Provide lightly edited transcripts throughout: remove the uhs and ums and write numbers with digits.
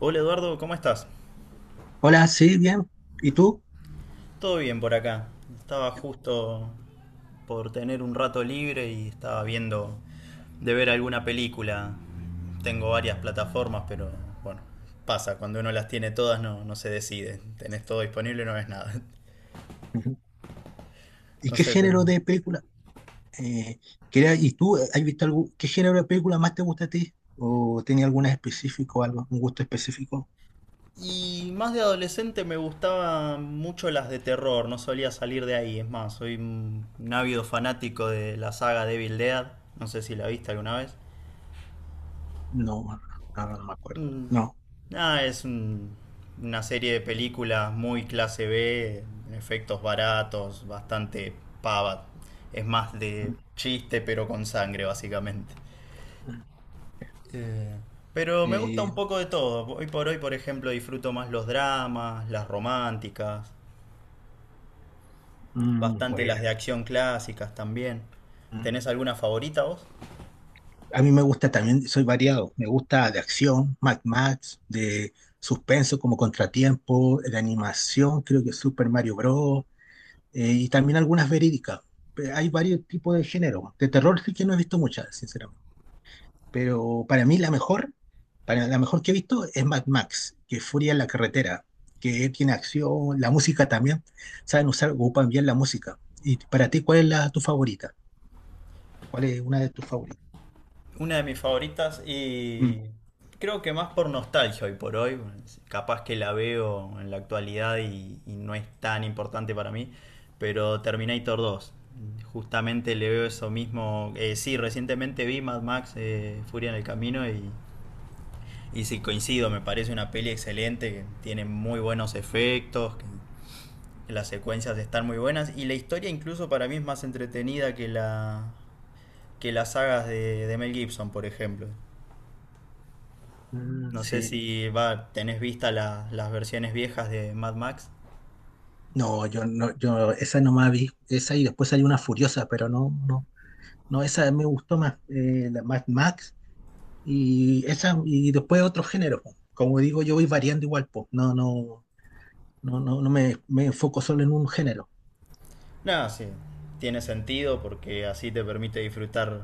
Hola Eduardo, ¿cómo estás? Hola, sí, bien. ¿Y tú? Todo bien por acá. Estaba justo por tener un rato libre y estaba viendo de ver alguna película. Tengo varias plataformas, pero bueno, pasa, cuando uno las tiene todas no se decide. Tenés todo disponible, y no ves nada. Ujú. ¿Y No qué sé, género tenés- de película? Eh, quería- ¿Y tú has visto algún, qué género de película más te gusta a ti? ¿O tenía alguna específico, algo, un gusto específico? Y más de adolescente me gustaban mucho las de terror, no solía salir de ahí. Es más, soy un ávido fanático de la saga Devil Dead. No sé si la viste alguna vez. No, ahora no me acuerdo. Mm, No. Nada, es un- una serie de películas muy clase B, efectos baratos, bastante pava. Es más Mm, de chiste, pero con sangre, básicamente. mm. Eh, pero me gusta Eh, un poco de todo. Hoy por hoy, por ejemplo, disfruto más los dramas, las románticas, mm, bastante las bueno. de acción clásicas también. Mm. ¿Tenés alguna favorita vos? A mí me gusta también, soy variado. Me gusta de acción, Mad Max, de suspenso como Contratiempo, de animación, creo que Super Mario Bros., y también algunas verídicas. Pe- hay varios tipos de género. De terror sí que no he visto muchas, sinceramente. Pero para mí la mejor, para la mejor que he visto es Mad Max, que es Furia en la carretera, que tiene acción, la música también. Saben usar, ocupan bien la música. Y para ti, ¿cuál es la, tu favorita? ¿Cuál es una de tus favoritas? Una de mis favoritas Mm. y creo que más por nostalgia hoy por hoy, capaz que la veo en la actualidad y no es tan importante para mí, pero Terminator 2. Justamente le veo eso mismo. Sí, recientemente vi Mad Max Furia en el Camino y sí coincido, me parece una peli excelente, que tiene muy buenos efectos, que las secuencias están muy buenas y la historia incluso para mí es más entretenida que la que las sagas de Mel Gibson, por ejemplo. Mm, No sé sí. si va, tenés vista la- las versiones viejas de Mad Max. No, yo no, yo esa no más vi, esa y después hay una furiosa, pero no, no, no, esa me gustó más, la Mad Max. Y, esa, y después otros géneros, po. Como digo, yo voy variando igual, po. No, no, no, no, no me, me enfoco solo en un género. No, sí, tiene sentido porque así te permite disfrutar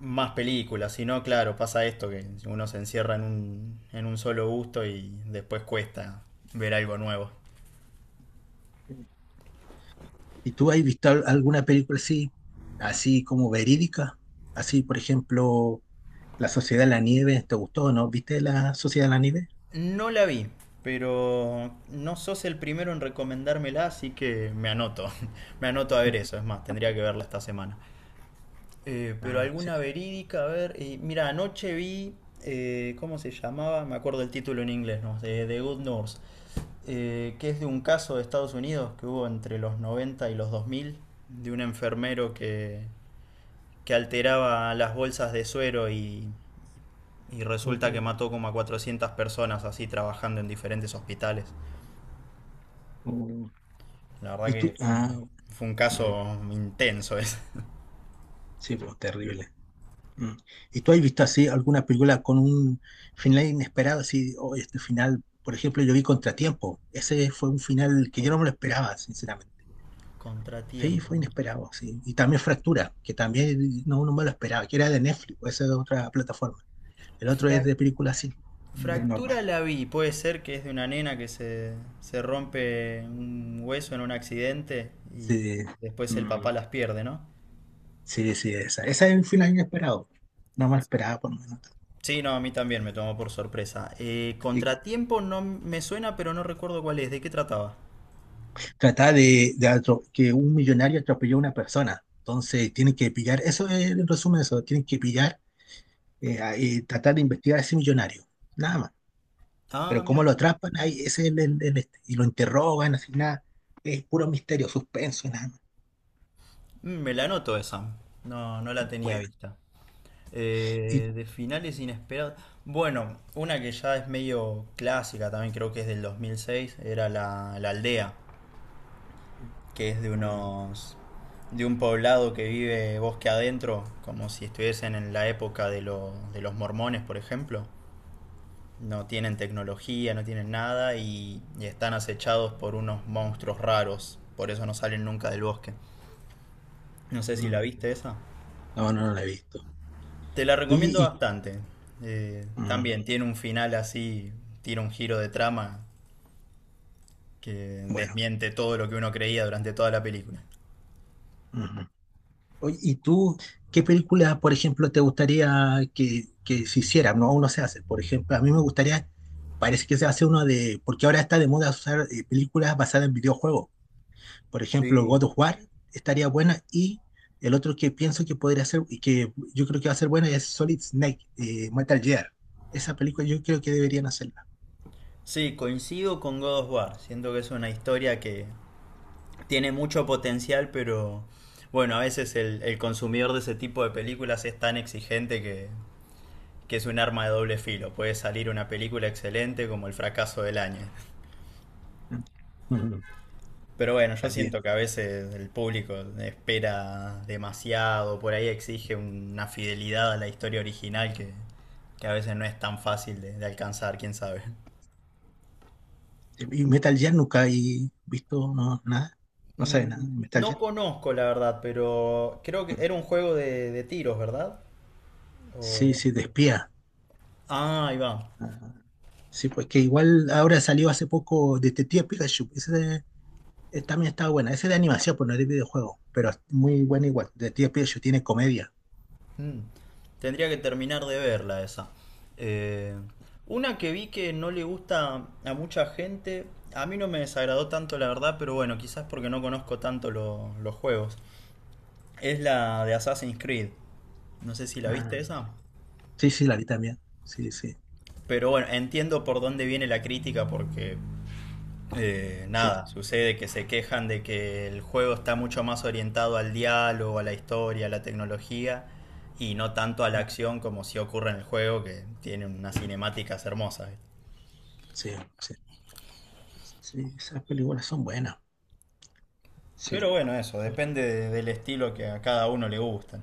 más películas. Si no, claro, pasa esto que uno se encierra en un solo gusto y después cuesta ver algo nuevo. ¿Y tú has visto al- alguna película así, así como verídica? Así, por ejemplo, La Sociedad de la Nieve, ¿te gustó o no? ¿Viste La Sociedad de la Nieve? No la vi, pero no sos el primero en recomendármela, así que me anoto. Me anoto a ver eso. Es más, tendría que verla esta semana. Pero Ah, sí. alguna verídica, a ver. Mira, anoche vi, ¿cómo se llamaba? Me acuerdo el título en inglés, ¿no? De The Good Nurse, que es de un caso de Estados Unidos que hubo entre los 90 y los 2000, de un enfermero que alteraba las bolsas de suero y resulta que Mm, mató como a 400 personas así trabajando en diferentes hospitales. mm. La verdad ¿Y tú? que fue, Ah, una- fue un mm, caso intenso ese. sí, pues, terrible. Mm. ¿Y tú has visto así alguna película con un final inesperado? Así, "Oh, este final", por ejemplo, yo vi Contratiempo. Ese fue un final que yo no me lo esperaba, sinceramente. Sí, Contratiempo. fue Contratiempo. inesperado, sí. Y también Fractura, que también no, no me lo esperaba, que era de Netflix, esa es de otra plataforma. El otro es de película así, de normal. Fractura la vi, puede ser que es de una nena que se rompe un hueso en un accidente y Sí, después el mm, papá las pierde, ¿no? sí, sí, esa. Esa es un final inesperado. No me lo esperaba, por lo menos. Sí, no, a mí también me tomó por sorpresa. ¿Y Contratiempo no me suena, pero no recuerdo cuál es, ¿de qué trataba? tratar de atro- que un millonario atropelló a una persona. Entonces tienen que pillar, eso es el resumen de eso, tienen que pillar a- y tratar de investigar a ese millonario, nada más. Ah, Pero cómo mira, lo atrapan, ahí ese es el este, y lo interrogan, así nada, es puro misterio, suspenso, nada más. mm, me la noto esa. No, no la tenía Bueno, vista. y De finales inesperados. Bueno, una que ya es medio clásica también, creo que es del 2006, era la, la aldea. mm, Que es de mm, unos de un poblado que vive bosque adentro, como si estuviesen en la época de, lo- de los mormones, por ejemplo. No tienen tecnología, no tienen nada y, y están acechados por unos monstruos raros. Por eso no salen nunca del bosque. No sé si la mm, viste esa. no, no, no lo he visto. Te la Oye, recomiendo y bastante. Mm, También tiene un final así, tira un giro de trama que bueno. desmiente todo lo que uno creía durante toda la película. Mm. Oye, ¿y tú qué película, por ejemplo, te gustaría que se hiciera? No, aún no se hace. Por ejemplo, a mí me gustaría, parece que se hace uno de, porque ahora está de moda usar películas basadas en videojuegos. Por ejemplo, Sí. God of War estaría buena y el otro que pienso que podría ser, y que yo creo que va a ser buena, es Solid Snake, Metal Gear. Esa película yo creo que deberían hacerla. Sí, coincido con God of War. Siento que es una historia que tiene mucho potencial, pero bueno, a veces el consumidor de ese tipo de películas es tan exigente que es un arma de doble filo. Puede salir una película excelente como el fracaso del año. Ujú. Pero bueno, yo También. siento que a veces el público espera demasiado, por ahí exige una fidelidad a la historia original que a veces no es tan fácil de alcanzar, quién sabe. Y Metal Gear nunca he visto, no, nada. No sabe nada Mm, de Metal no Gear. conozco la verdad, pero creo que era un juego de tiros, ¿verdad? Sí, O- sí, de espía. ah, ahí va. Sí, pues que igual ahora salió hace poco Detective Pikachu. Ese también estaba buena. Ese de animación, pues no es de videojuego, pero es muy buena igual. Detective Pikachu tiene comedia. Mm. Tendría que terminar de verla esa. Eh, una que vi que no le gusta a mucha gente, a mí no me desagradó tanto la verdad, pero bueno, quizás porque no conozco tanto lo- los juegos. Es la de Assassin's Creed. No sé si la Ah, viste esa. sí, sí, la vi también. Sí, sí, Pero bueno, entiendo por dónde viene la crítica porque sí. nada, sucede que se quejan de que el juego está mucho más orientado al diálogo, a la historia, a la tecnología y no tanto a la No, acción como si ocurre en el juego que tiene unas cinemáticas hermosas. sí, sí. Sí, esas películas son buenas. Sí. Pero bueno, eso, depende de- del estilo que a cada uno le gusta.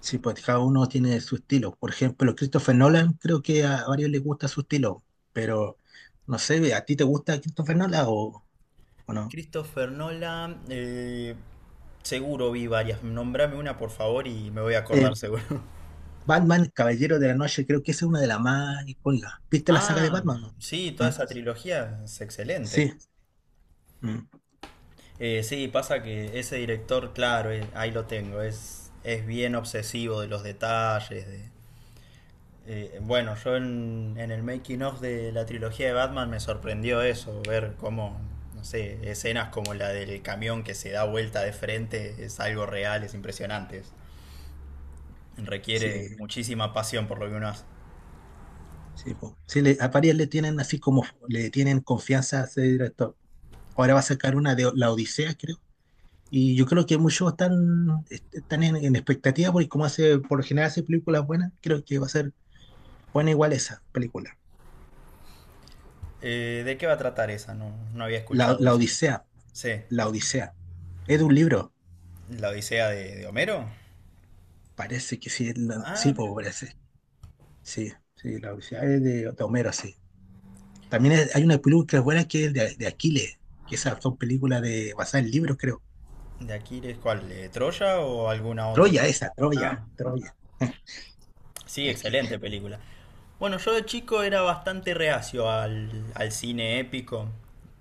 Sí, pues cada uno tiene su estilo. Por ejemplo, Christopher Nolan, creo que a varios les gusta su estilo, pero no sé, ¿a ti te gusta Christopher Nolan o no? Christopher Nolan, seguro vi varias. Nombrame una por favor y me voy a acordar seguro. Batman, Caballero de la Noche, creo que esa es una de las más icónicas. ¿Viste la saga de Ah, Batman, no? sí, toda ¿Ah? esa trilogía es excelente. Sí, mm, Sí, pasa que ese director, claro, ahí lo tengo, es bien obsesivo de los detalles. De, bueno, yo en el making of de la trilogía de Batman me sorprendió eso, ver cómo, no sé, escenas como la del camión que se da vuelta de frente es algo real, es impresionante. Es- requiere sí, muchísima pasión por lo que uno hace. sí, po. Sí, le- a varias le tienen así como, le tienen confianza a ese director. Ahora va a sacar una de La Odisea, creo. Y yo creo que muchos están, est- están en expectativa porque como hace, por lo general hace películas buenas, creo que va a ser buena igual esa película. ¿De qué va a tratar esa? No, no había La, escuchado La ese. Odisea, Sí, La Odisea. Es de un libro, la Odisea de Homero. parece que sí, es la- Ah, sí, po, mira. parece. Sí, sí, La Odisea es de Homero, sí. También es- hay una película buena que es de Aquiles, que esas son películas de, basadas en libros, creo. ¿De Aquiles cuál? ¿De Troya o alguna otra? Troya, esa, Troya, Ah, Troya, sí, Aquiles. excelente película. Bueno, yo de chico era bastante reacio al, al cine épico,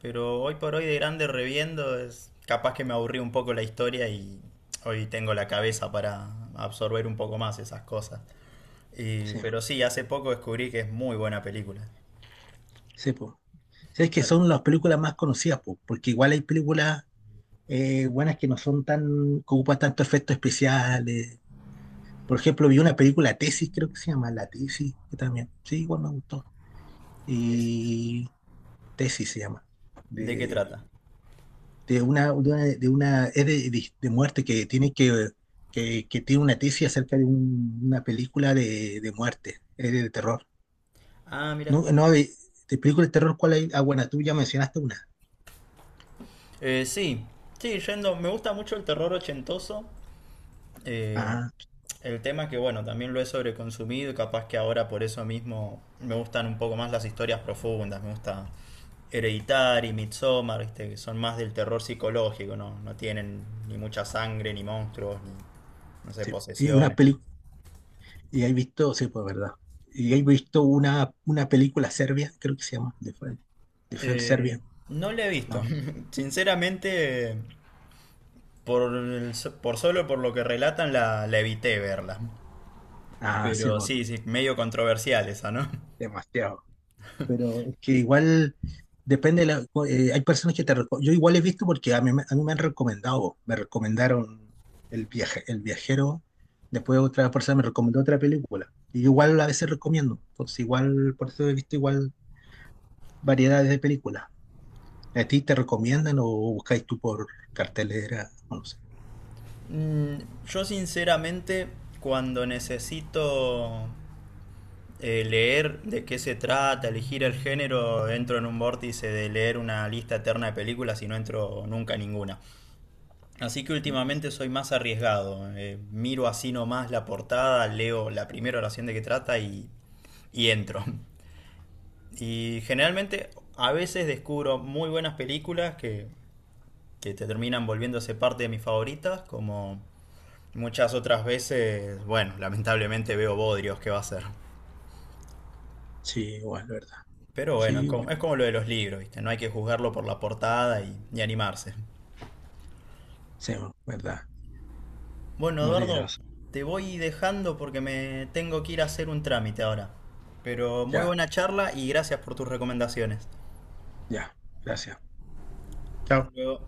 pero hoy por hoy de grande reviendo es capaz que me aburrí un poco la historia y hoy tengo la cabeza para absorber un poco más esas cosas. Y- Sí, pero sí, hace poco descubrí que es muy buena película. sí, po. Sí, es que No- son las películas más conocidas, po, porque igual hay películas buenas que no son tan, que ocupan tanto efectos especiales. Por ejemplo, vi una película Tesis, creo que se llama La Tesis, que también, sí, igual me gustó. decís. Y Tesis se llama, ¿De qué de trata? de una, de una, de una- es de muerte que tiene una tesis acerca de un- una película de muerte, es de terror. Ah, No, mira. no, de película de terror, ¿cuál hay? Ah, bueno, tú ya mencionaste una. Eh, sí, sí, yendo, me gusta mucho el terror ochentoso. Eh, Ah, el tema es que, bueno, también lo he sobreconsumido y capaz que ahora por eso mismo me gustan un poco más las historias profundas. Me gusta Hereditary, Midsommar, ¿viste? Que son más del terror psicológico, ¿no? No tienen ni mucha sangre, ni monstruos, ni, no sé, sí. Y una posesiones. película, y hay visto, sí, pues verdad. Y hay visto una película serbia, creo que se llama, de Fer Eh, Serbia, no la he visto. ¿no? Sinceramente, por, el- por solo por lo que relatan, la evité verla. Ah, sí, Pero bueno, sí, sí, medio controversial esa, ¿no? demasiado. Pero es que igual depende, de la- hay personas que te reco- Yo igual he visto porque a mí me han recomendado, me recomendaron el viaje, el viajero, después otra persona me recomendó otra película. Y igual a veces recomiendo, entonces igual, por eso he visto igual variedades de películas. ¿A ti te recomiendan o buscáis tú por cartelera? No sé. Mm, yo sinceramente, cuando necesito leer de qué se trata, elegir el género, entro en un vórtice de leer una lista eterna de películas y no entro nunca a ninguna. Así que Mm, últimamente soy más arriesgado. Miro así nomás la portada, leo la primera oración de qué trata y entro. Y generalmente a veces descubro muy buenas películas que te terminan volviéndose parte de mis favoritas, como muchas otras veces, bueno, lamentablemente veo bodrios, ¿qué va a ser? sí, igual, ¿verdad? Pero bueno, Sí, igual. Es como lo de los libros, ¿viste? No hay que juzgarlo por la portada y animarse. Sí, ¿verdad? Bueno, No tienes Eduardo, razón. te voy dejando porque me tengo que ir a hacer un trámite ahora. Pero muy Ya, buena charla y gracias por tus recomendaciones. ya. Gracias. Chao. Hasta luego.